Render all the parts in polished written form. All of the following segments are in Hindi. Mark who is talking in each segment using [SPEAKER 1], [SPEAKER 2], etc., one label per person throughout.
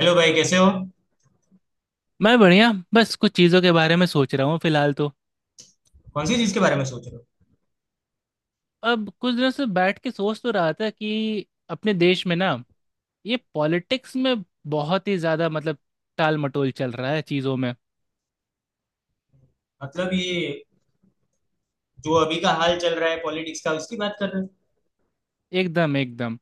[SPEAKER 1] हेलो भाई, कैसे हो।
[SPEAKER 2] मैं बढ़िया। बस कुछ चीज़ों के बारे में सोच रहा हूँ फिलहाल तो।
[SPEAKER 1] कौन सी चीज के बारे में सोच रहे हो।
[SPEAKER 2] अब कुछ दिनों से बैठ के सोच तो रहा था कि अपने देश में ना ये पॉलिटिक्स में बहुत ही ज़्यादा मतलब टाल मटोल चल रहा है चीज़ों में।
[SPEAKER 1] मतलब ये जो अभी का हाल चल रहा है पॉलिटिक्स का, उसकी बात कर रहे हो।
[SPEAKER 2] एकदम एकदम।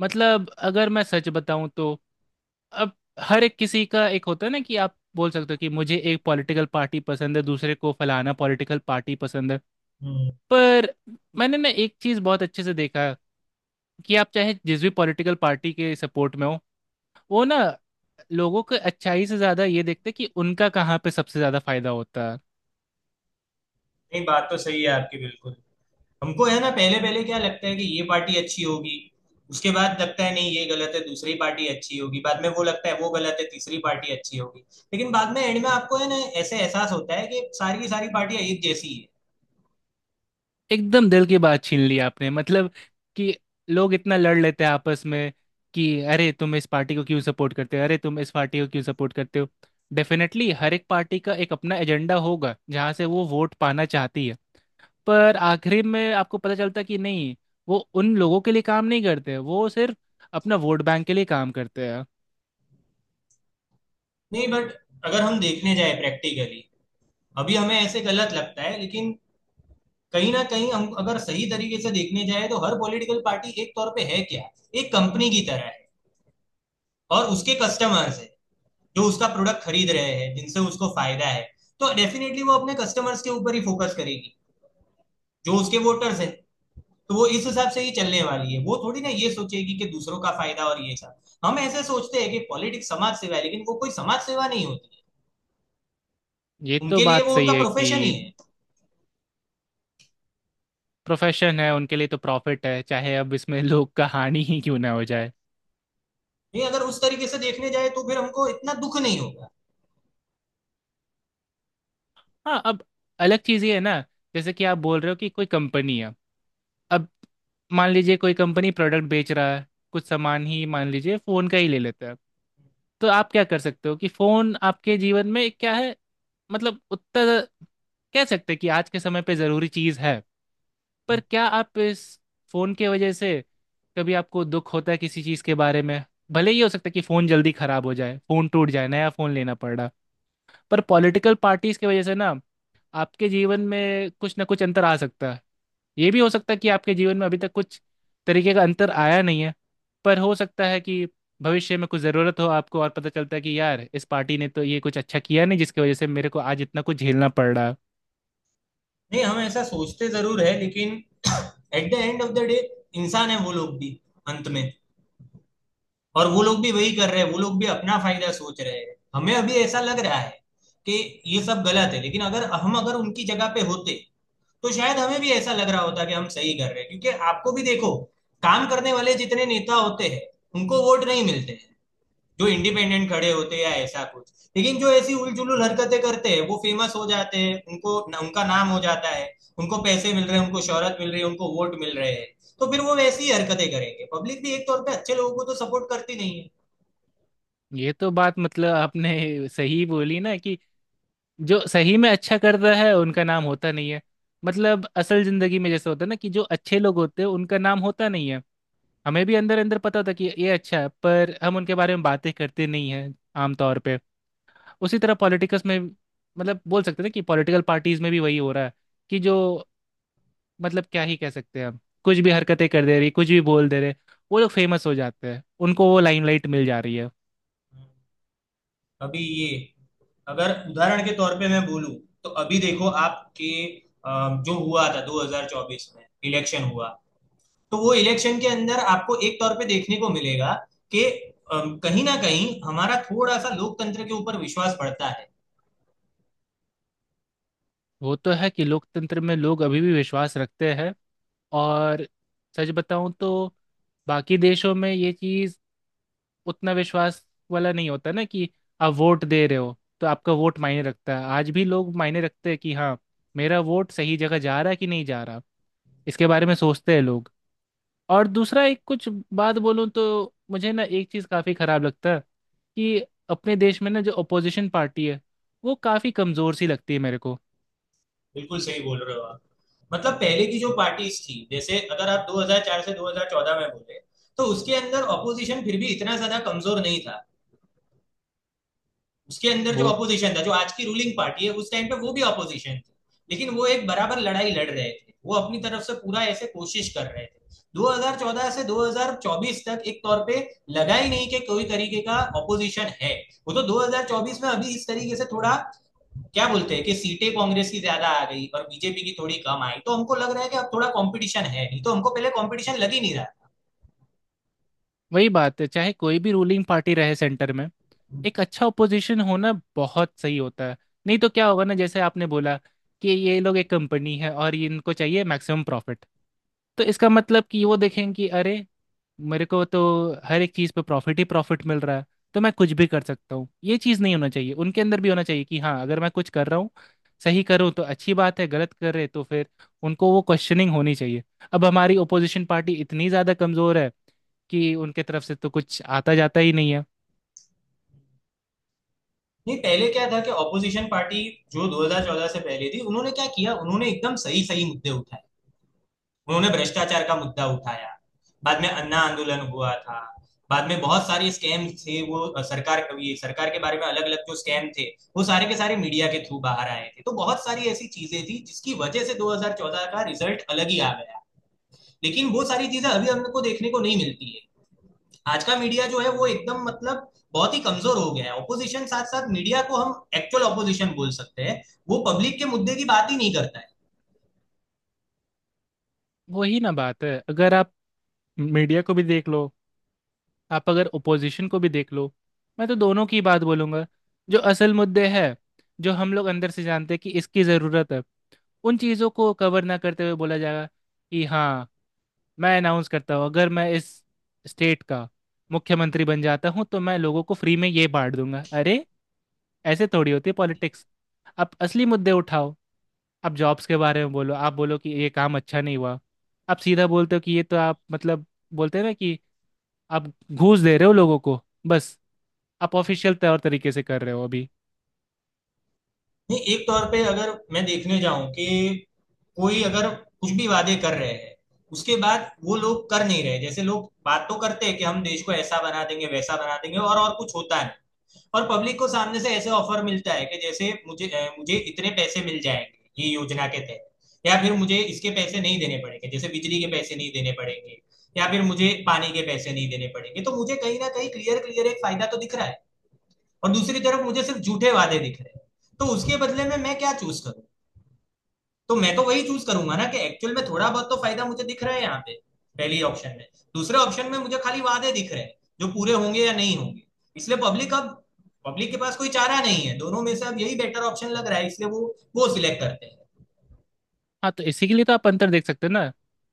[SPEAKER 2] मतलब अगर मैं सच बताऊँ तो, अब हर एक किसी का एक होता है ना, कि आप बोल सकते हो कि मुझे एक पॉलिटिकल पार्टी पसंद है, दूसरे को फलाना पॉलिटिकल पार्टी पसंद है।
[SPEAKER 1] हम्म।
[SPEAKER 2] पर मैंने ना एक चीज़ बहुत अच्छे से देखा कि आप चाहे जिस भी पॉलिटिकल पार्टी के सपोर्ट में हो, वो ना लोगों को अच्छाई से ज्यादा ये देखते कि उनका कहाँ पे सबसे ज्यादा फायदा होता है।
[SPEAKER 1] नहीं, बात तो सही है आपकी बिल्कुल। हमको है ना, पहले पहले क्या लगता है कि ये पार्टी अच्छी होगी। उसके बाद लगता है नहीं ये गलत है, दूसरी पार्टी अच्छी होगी। बाद में वो लगता है वो गलत है, तीसरी पार्टी अच्छी होगी। लेकिन बाद में एंड में आपको है ना ऐसे एहसास होता है कि सारी की सारी पार्टियां एक जैसी है।
[SPEAKER 2] एकदम दिल की बात छीन ली आपने। मतलब कि लोग इतना लड़ लेते हैं आपस में कि अरे तुम इस पार्टी को क्यों सपोर्ट करते हो, अरे तुम इस पार्टी को क्यों सपोर्ट करते हो। डेफिनेटली हर एक पार्टी का एक अपना एजेंडा होगा जहाँ से वो वोट पाना चाहती है। पर आखिरी में आपको पता चलता कि नहीं, वो उन लोगों के लिए काम नहीं करते, वो सिर्फ अपना वोट बैंक के लिए काम करते हैं।
[SPEAKER 1] नहीं, बट अगर हम देखने जाए प्रैक्टिकली, अभी हमें ऐसे गलत लगता है लेकिन कहीं ना कहीं हम अगर सही तरीके से देखने जाए तो हर पॉलिटिकल पार्टी एक तौर पे है क्या, एक कंपनी की तरह है। और उसके कस्टमर्स है जो उसका प्रोडक्ट खरीद रहे हैं, जिनसे उसको फायदा है। तो डेफिनेटली वो अपने कस्टमर्स के ऊपर ही फोकस करेगी, जो उसके वोटर्स हैं। तो वो इस हिसाब से ही चलने वाली है, वो थोड़ी ना ये सोचेगी कि दूसरों का फायदा और ये सब। हम ऐसे सोचते हैं कि पॉलिटिक्स समाज सेवा है, लेकिन वो कोई समाज सेवा नहीं होती
[SPEAKER 2] ये
[SPEAKER 1] है।
[SPEAKER 2] तो
[SPEAKER 1] उनके लिए
[SPEAKER 2] बात
[SPEAKER 1] वो
[SPEAKER 2] सही
[SPEAKER 1] उनका
[SPEAKER 2] है
[SPEAKER 1] प्रोफेशन ही
[SPEAKER 2] कि
[SPEAKER 1] है।
[SPEAKER 2] प्रोफेशन है उनके लिए, तो प्रॉफिट है, चाहे अब इसमें लोग का हानि ही क्यों ना हो जाए।
[SPEAKER 1] नहीं, अगर उस तरीके से देखने जाए तो फिर हमको इतना दुख नहीं होगा।
[SPEAKER 2] हाँ अब अलग चीज़ ये है ना, जैसे कि आप बोल रहे हो कि कोई कंपनी है। अब मान लीजिए कोई कंपनी प्रोडक्ट बेच रहा है, कुछ सामान ही मान लीजिए फोन का ही ले लेते हैं। तो आप क्या कर सकते हो कि फोन आपके जीवन में क्या है? मतलब उतना कह सकते हैं कि आज के समय पे जरूरी चीज है। पर क्या आप इस फोन के वजह से कभी आपको दुख होता है किसी चीज के बारे में? भले ही हो सकता है कि फोन जल्दी खराब हो जाए, फोन टूट जाए, नया फोन लेना पड़ रहा। पर पॉलिटिकल पार्टीज की वजह से ना आपके जीवन में कुछ ना कुछ अंतर आ सकता है। ये भी हो सकता है कि आपके जीवन में अभी तक कुछ तरीके का अंतर आया नहीं है, पर हो सकता है कि भविष्य में कुछ ज़रूरत हो आपको और पता चलता है कि यार इस पार्टी ने तो ये कुछ अच्छा किया नहीं जिसकी वजह से मेरे को आज इतना कुछ झेलना पड़ रहा है।
[SPEAKER 1] नहीं, हम ऐसा सोचते जरूर है लेकिन at the end of the day इंसान है वो लोग भी, अंत में। और वो लोग भी वही कर रहे हैं, वो लोग भी अपना फायदा सोच रहे हैं। हमें अभी ऐसा लग रहा है कि ये सब गलत है, लेकिन अगर हम अगर उनकी जगह पे होते तो शायद हमें भी ऐसा लग रहा होता कि हम सही कर रहे हैं। क्योंकि आपको भी देखो, काम करने वाले जितने नेता होते हैं उनको वोट नहीं मिलते, जो इंडिपेंडेंट खड़े होते हैं या ऐसा कुछ। लेकिन जो ऐसी उलझुल हरकतें करते हैं वो फेमस हो जाते हैं, उनको उनका नाम हो जाता है। उनको पैसे मिल रहे हैं, उनको शोहरत मिल रही है, उनको वोट मिल रहे हैं। तो फिर वो वैसी ही हरकतें करेंगे। पब्लिक भी एक तौर पे अच्छे लोगों को तो सपोर्ट करती नहीं है।
[SPEAKER 2] ये तो बात, मतलब आपने सही बोली ना कि जो सही में अच्छा करता है उनका नाम होता नहीं है। मतलब असल जिंदगी में जैसे होता है ना, कि जो अच्छे लोग होते हैं उनका नाम होता नहीं है। हमें भी अंदर अंदर पता होता कि ये अच्छा है, पर हम उनके बारे में बातें करते नहीं हैं आमतौर पे। उसी तरह पॉलिटिक्स में, मतलब बोल सकते थे कि पॉलिटिकल पार्टीज में भी वही हो रहा है कि जो, मतलब क्या ही कह सकते हैं हम, कुछ भी हरकतें कर दे रही, कुछ भी बोल दे रहे, वो लोग फेमस हो जाते हैं, उनको वो लाइमलाइट मिल जा रही है।
[SPEAKER 1] अभी ये, अगर उदाहरण के तौर पे मैं बोलूं, तो अभी देखो आपके जो हुआ था 2024 में, इलेक्शन हुआ। तो वो इलेक्शन के अंदर आपको एक तौर पे देखने को मिलेगा कि कहीं ना कहीं हमारा थोड़ा सा लोकतंत्र के ऊपर विश्वास बढ़ता है।
[SPEAKER 2] वो तो है कि लोकतंत्र में लोग अभी भी विश्वास रखते हैं। और सच बताऊं तो बाकी देशों में ये चीज़ उतना विश्वास वाला नहीं होता ना, कि आप वोट दे रहे हो तो आपका वोट मायने रखता है। आज भी लोग मायने रखते हैं कि हाँ, मेरा वोट सही जगह जा रहा है कि नहीं जा रहा, इसके बारे में सोचते हैं लोग। और दूसरा एक कुछ बात बोलूँ तो मुझे ना एक चीज़ काफ़ी ख़राब लगता है कि अपने देश में ना जो अपोजिशन पार्टी है वो काफ़ी कमज़ोर सी लगती है मेरे को।
[SPEAKER 1] बिल्कुल सही बोल रहे हो आप। मतलब पहले की जो पार्टीज थी, जैसे अगर आप 2004 से 2014 में बोले, तो उसके अंदर ऑपोजिशन फिर भी इतना ज्यादा कमजोर नहीं था। उसके अंदर जो
[SPEAKER 2] वो
[SPEAKER 1] अपोजिशन था, जो आज की रूलिंग पार्टी है, उस टाइम पे वो भी अपोजिशन थी। लेकिन वो एक बराबर लड़ाई लड़ रहे थे, वो अपनी तरफ से पूरा ऐसे कोशिश कर रहे थे। 2014 से 2024 तक एक तौर पे लगा ही नहीं कि कोई तरीके का ऑपोजिशन है। वो तो 2024 में अभी इस तरीके से थोड़ा, क्या बोलते हैं, कि सीटें कांग्रेस की ज्यादा आ गई और बीजेपी की थोड़ी कम आई, तो हमको लग रहा है कि अब थोड़ा कंपटीशन है, नहीं तो हमको पहले कंपटीशन लग ही नहीं रहा।
[SPEAKER 2] वही बात है, चाहे कोई भी रूलिंग पार्टी रहे सेंटर में, एक अच्छा ओपोजिशन होना बहुत सही होता है। नहीं तो क्या होगा ना, जैसे आपने बोला कि ये लोग एक कंपनी है और इनको चाहिए मैक्सिमम प्रॉफिट। तो इसका मतलब कि वो देखेंगे कि अरे मेरे को तो हर एक चीज़ पे प्रॉफिट ही प्रॉफिट मिल रहा है, तो मैं कुछ भी कर सकता हूँ। ये चीज़ नहीं होना चाहिए, उनके अंदर भी होना चाहिए कि हाँ अगर मैं कुछ कर रहा हूँ सही करूँ तो अच्छी बात है, गलत कर रहे तो फिर उनको वो क्वेश्चनिंग होनी चाहिए। अब हमारी ओपोजिशन पार्टी इतनी ज़्यादा कमज़ोर है कि उनके तरफ से तो कुछ आता जाता ही नहीं है।
[SPEAKER 1] नहीं, पहले क्या था कि ऑपोजिशन पार्टी जो 2014 से पहले थी, उन्होंने क्या किया, उन्होंने एकदम सही सही मुद्दे उठाए। उन्होंने भ्रष्टाचार का मुद्दा उठाया। बाद में अन्ना आंदोलन हुआ था। बाद में बहुत सारे स्कैम थे, वो सरकार, ये सरकार के बारे में अलग अलग जो स्कैम थे, वो सारे के सारे मीडिया के थ्रू बाहर आए थे। तो बहुत सारी ऐसी चीजें थी जिसकी वजह से 2014 का रिजल्ट अलग ही आ गया। लेकिन वो सारी चीजें अभी हमको देखने को नहीं मिलती है। आज का मीडिया जो है वो एकदम मतलब बहुत ही कमजोर हो गया है ऑपोजिशन, साथ साथ मीडिया को हम एक्चुअल ऑपोजिशन बोल सकते हैं। वो पब्लिक के मुद्दे की बात ही नहीं करता है।
[SPEAKER 2] वही ना बात है, अगर आप मीडिया को भी देख लो, आप अगर ओपोजिशन को भी देख लो, मैं तो दोनों की बात बोलूंगा। जो असल मुद्दे हैं, जो हम लोग अंदर से जानते हैं कि इसकी ज़रूरत है, उन चीज़ों को कवर ना करते हुए बोला जाएगा कि हाँ, मैं अनाउंस करता हूँ अगर मैं इस स्टेट का मुख्यमंत्री बन जाता हूँ तो मैं लोगों को फ्री में ये बांट दूंगा। अरे ऐसे थोड़ी होती है पॉलिटिक्स। आप असली मुद्दे उठाओ, आप जॉब्स के बारे में बोलो, आप बोलो कि ये काम अच्छा नहीं हुआ, आप सीधा बोलते हो कि ये तो आप, मतलब बोलते हैं ना कि आप घूस दे रहे हो लोगों को, बस आप ऑफिशियल तौर तरीके से कर रहे हो अभी।
[SPEAKER 1] नहीं, एक तौर पे अगर मैं देखने जाऊं कि कोई अगर कुछ भी वादे कर रहे हैं, उसके बाद वो लोग कर नहीं रहे। जैसे लोग बात तो करते हैं कि हम देश को ऐसा बना देंगे, वैसा बना देंगे, और कुछ होता। और पब्लिक को सामने से ऐसे ऑफर मिलता है कि जैसे मुझे मुझे इतने पैसे मिल जाएंगे ये योजना के तहत, या फिर मुझे इसके पैसे नहीं देने पड़ेंगे, जैसे बिजली के पैसे नहीं देने पड़ेंगे, या फिर मुझे पानी के पैसे नहीं देने पड़ेंगे। तो मुझे कहीं ना कहीं क्लियर क्लियर एक फायदा तो दिख रहा है, और दूसरी तरफ मुझे सिर्फ झूठे वादे दिख रहे हैं। तो उसके बदले में मैं क्या चूज करूँ। तो मैं तो वही चूज करूंगा ना कि एक्चुअल में थोड़ा बहुत तो फायदा मुझे दिख रहा है यहाँ पे, पहली ऑप्शन में। दूसरे ऑप्शन में मुझे खाली वादे दिख रहे हैं जो पूरे होंगे या नहीं होंगे। इसलिए पब्लिक के पास कोई चारा नहीं है। दोनों में से अब यही बेटर ऑप्शन लग रहा है, इसलिए वो सिलेक्ट करते हैं।
[SPEAKER 2] हाँ तो इसी के लिए तो आप अंतर देख सकते हो ना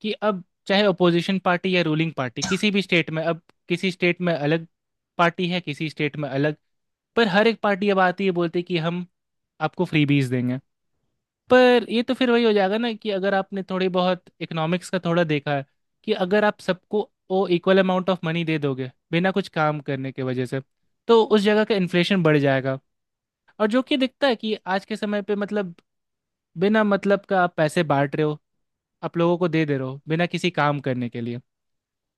[SPEAKER 2] कि अब चाहे अपोजिशन पार्टी या रूलिंग पार्टी, किसी भी स्टेट में अब, किसी स्टेट में अलग पार्टी है, किसी स्टेट में अलग, पर हर एक पार्टी अब आती है बोलती है कि हम आपको फ्रीबीज देंगे। पर ये तो फिर वही हो जाएगा ना कि अगर आपने थोड़ी बहुत इकोनॉमिक्स का थोड़ा देखा है कि अगर आप सबको वो इक्वल अमाउंट ऑफ मनी दे दोगे बिना कुछ काम करने के वजह से, तो उस जगह का इन्फ्लेशन बढ़ जाएगा। और जो कि दिखता है कि आज के समय पे, मतलब, बिना मतलब का आप पैसे बांट रहे हो, आप लोगों को दे दे रहे हो बिना किसी काम करने के लिए,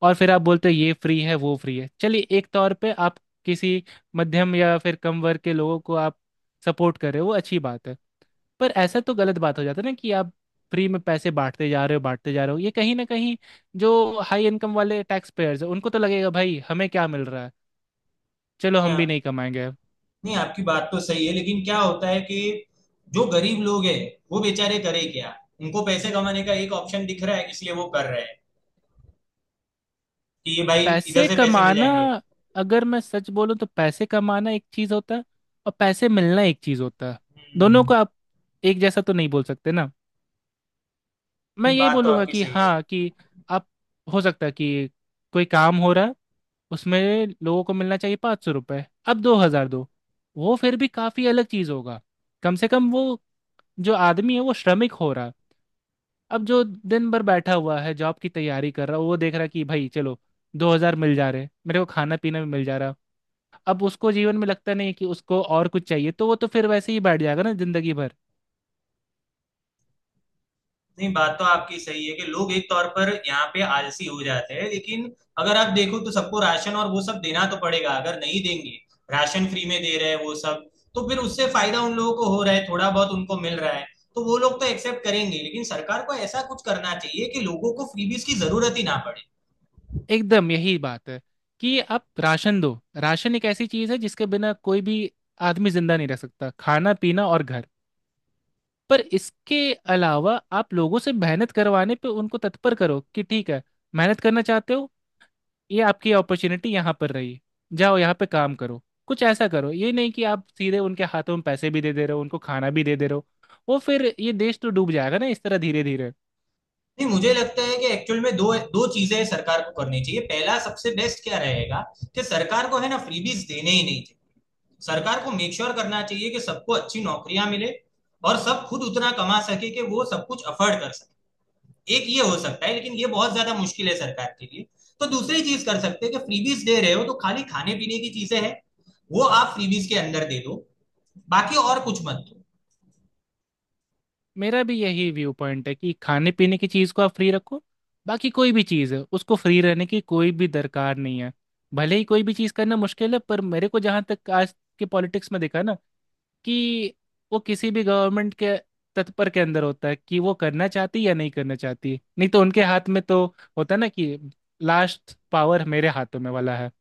[SPEAKER 2] और फिर आप बोलते हो ये फ्री है वो फ्री है। चलिए एक तौर पे आप किसी मध्यम या फिर कम वर्ग के लोगों को आप सपोर्ट कर रहे हो, वो अच्छी बात है। पर ऐसा तो गलत बात हो जाता है ना कि आप फ्री में पैसे बांटते जा रहे हो, बांटते जा रहे हो, ये कहीं ना कहीं जो हाई इनकम वाले टैक्स पेयर्स हैं, उनको तो लगेगा भाई हमें क्या मिल रहा है, चलो
[SPEAKER 1] नहीं,
[SPEAKER 2] हम भी
[SPEAKER 1] आप,
[SPEAKER 2] नहीं कमाएंगे।
[SPEAKER 1] नहीं, आपकी बात तो सही है, लेकिन क्या होता है कि जो गरीब लोग हैं, वो बेचारे करे क्या। उनको पैसे कमाने का एक ऑप्शन दिख रहा है, इसलिए वो कर रहे हैं कि ये भाई इधर
[SPEAKER 2] पैसे
[SPEAKER 1] से पैसे मिल
[SPEAKER 2] कमाना,
[SPEAKER 1] जाएंगे।
[SPEAKER 2] अगर मैं सच बोलूं तो पैसे कमाना एक चीज़ होता है, और पैसे मिलना एक चीज़ होता है।
[SPEAKER 1] हम्म।
[SPEAKER 2] दोनों
[SPEAKER 1] हम्म।
[SPEAKER 2] को आप एक जैसा तो नहीं बोल सकते ना। मैं
[SPEAKER 1] नहीं
[SPEAKER 2] यही
[SPEAKER 1] बात तो
[SPEAKER 2] बोलूंगा
[SPEAKER 1] आपकी
[SPEAKER 2] कि
[SPEAKER 1] सही है
[SPEAKER 2] हाँ, कि आप, हो सकता है कि कोई काम हो रहा है, उसमें लोगों को मिलना चाहिए 500 रुपये, अब 2000 दो, वो फिर भी काफ़ी अलग चीज़ होगा। कम से कम वो जो आदमी है वो श्रमिक हो रहा है। अब जो दिन भर बैठा हुआ है, जॉब की तैयारी कर रहा है, वो देख रहा है कि भाई चलो 2000 मिल जा रहे हैं, मेरे को खाना पीना भी मिल जा रहा है, अब उसको जीवन में लगता नहीं है कि उसको और कुछ चाहिए, तो वो तो फिर वैसे ही बैठ जाएगा ना जिंदगी भर।
[SPEAKER 1] नहीं, बात तो आपकी सही है कि लोग एक तौर पर यहाँ पे आलसी हो जाते हैं, लेकिन अगर आप देखो तो सबको राशन और वो सब देना तो पड़ेगा। अगर नहीं देंगे, राशन फ्री में दे रहे हैं वो सब, तो फिर उससे फायदा उन लोगों को हो रहा है, थोड़ा बहुत उनको मिल रहा है। तो वो लोग तो एक्सेप्ट करेंगे, लेकिन सरकार को ऐसा कुछ करना चाहिए कि लोगों को फ्रीबीज की जरूरत ही ना पड़े।
[SPEAKER 2] एकदम यही बात है कि आप राशन दो, राशन एक ऐसी चीज है जिसके बिना कोई भी आदमी जिंदा नहीं रह सकता, खाना पीना और घर। पर इसके अलावा आप लोगों से मेहनत करवाने पे उनको तत्पर करो कि ठीक है, मेहनत करना चाहते हो, ये आपकी अपॉर्चुनिटी यहाँ पर रही, जाओ यहाँ पे काम करो, कुछ ऐसा करो। ये नहीं कि आप सीधे उनके हाथों में पैसे भी दे दे रहे हो, उनको खाना भी दे दे रहे हो, वो फिर ये देश तो डूब जाएगा ना इस तरह धीरे धीरे।
[SPEAKER 1] नहीं, मुझे लगता है कि एक्चुअल में दो दो चीजें सरकार को करनी चाहिए। पहला, सबसे बेस्ट क्या रहेगा कि सरकार को है ना फ्रीबीज देने ही नहीं चाहिए। सरकार को मेक श्योर करना चाहिए कि सबको अच्छी नौकरियां मिले और सब खुद उतना कमा सके कि वो सब कुछ अफोर्ड कर सके। एक ये हो सकता है, लेकिन ये बहुत ज्यादा मुश्किल है सरकार के लिए। तो दूसरी चीज कर सकते हैं कि फ्रीबीज दे रहे हो तो खाली खाने पीने की चीजें हैं, वो आप फ्रीबीज के अंदर दे दो। बाकी और कुछ मत दो।
[SPEAKER 2] मेरा भी यही व्यू पॉइंट है कि खाने पीने की चीज़ को आप फ्री रखो, बाकी कोई भी चीज़ है उसको फ्री रहने की कोई भी दरकार नहीं है। भले ही कोई भी चीज़ करना मुश्किल है, पर मेरे को जहाँ तक आज के पॉलिटिक्स में दिखा ना कि वो किसी भी गवर्नमेंट के तत्पर के अंदर होता है कि वो करना चाहती या नहीं करना चाहती, नहीं तो उनके हाथ में तो होता ना कि लास्ट पावर मेरे हाथों में वाला है।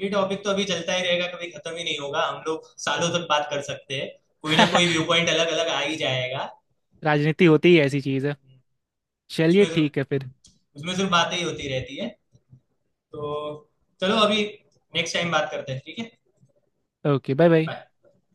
[SPEAKER 1] ये टॉपिक तो अभी चलता ही रहेगा, कभी खत्म ही नहीं होगा। हम लोग सालों तक बात कर सकते हैं, कोई ना कोई व्यू पॉइंट अलग अलग आ ही जाएगा।
[SPEAKER 2] राजनीति होती ही
[SPEAKER 1] हम्म।
[SPEAKER 2] ऐसी चीज़ है।
[SPEAKER 1] हम्म।
[SPEAKER 2] चलिए
[SPEAKER 1] उसमें सिर्फ
[SPEAKER 2] ठीक है फिर।
[SPEAKER 1] हम्म। उसमें सिर्फ बातें ही होती रहती है। तो चलो अभी, नेक्स्ट टाइम बात करते हैं, ठीक है।
[SPEAKER 2] Okay, bye bye.
[SPEAKER 1] बाय।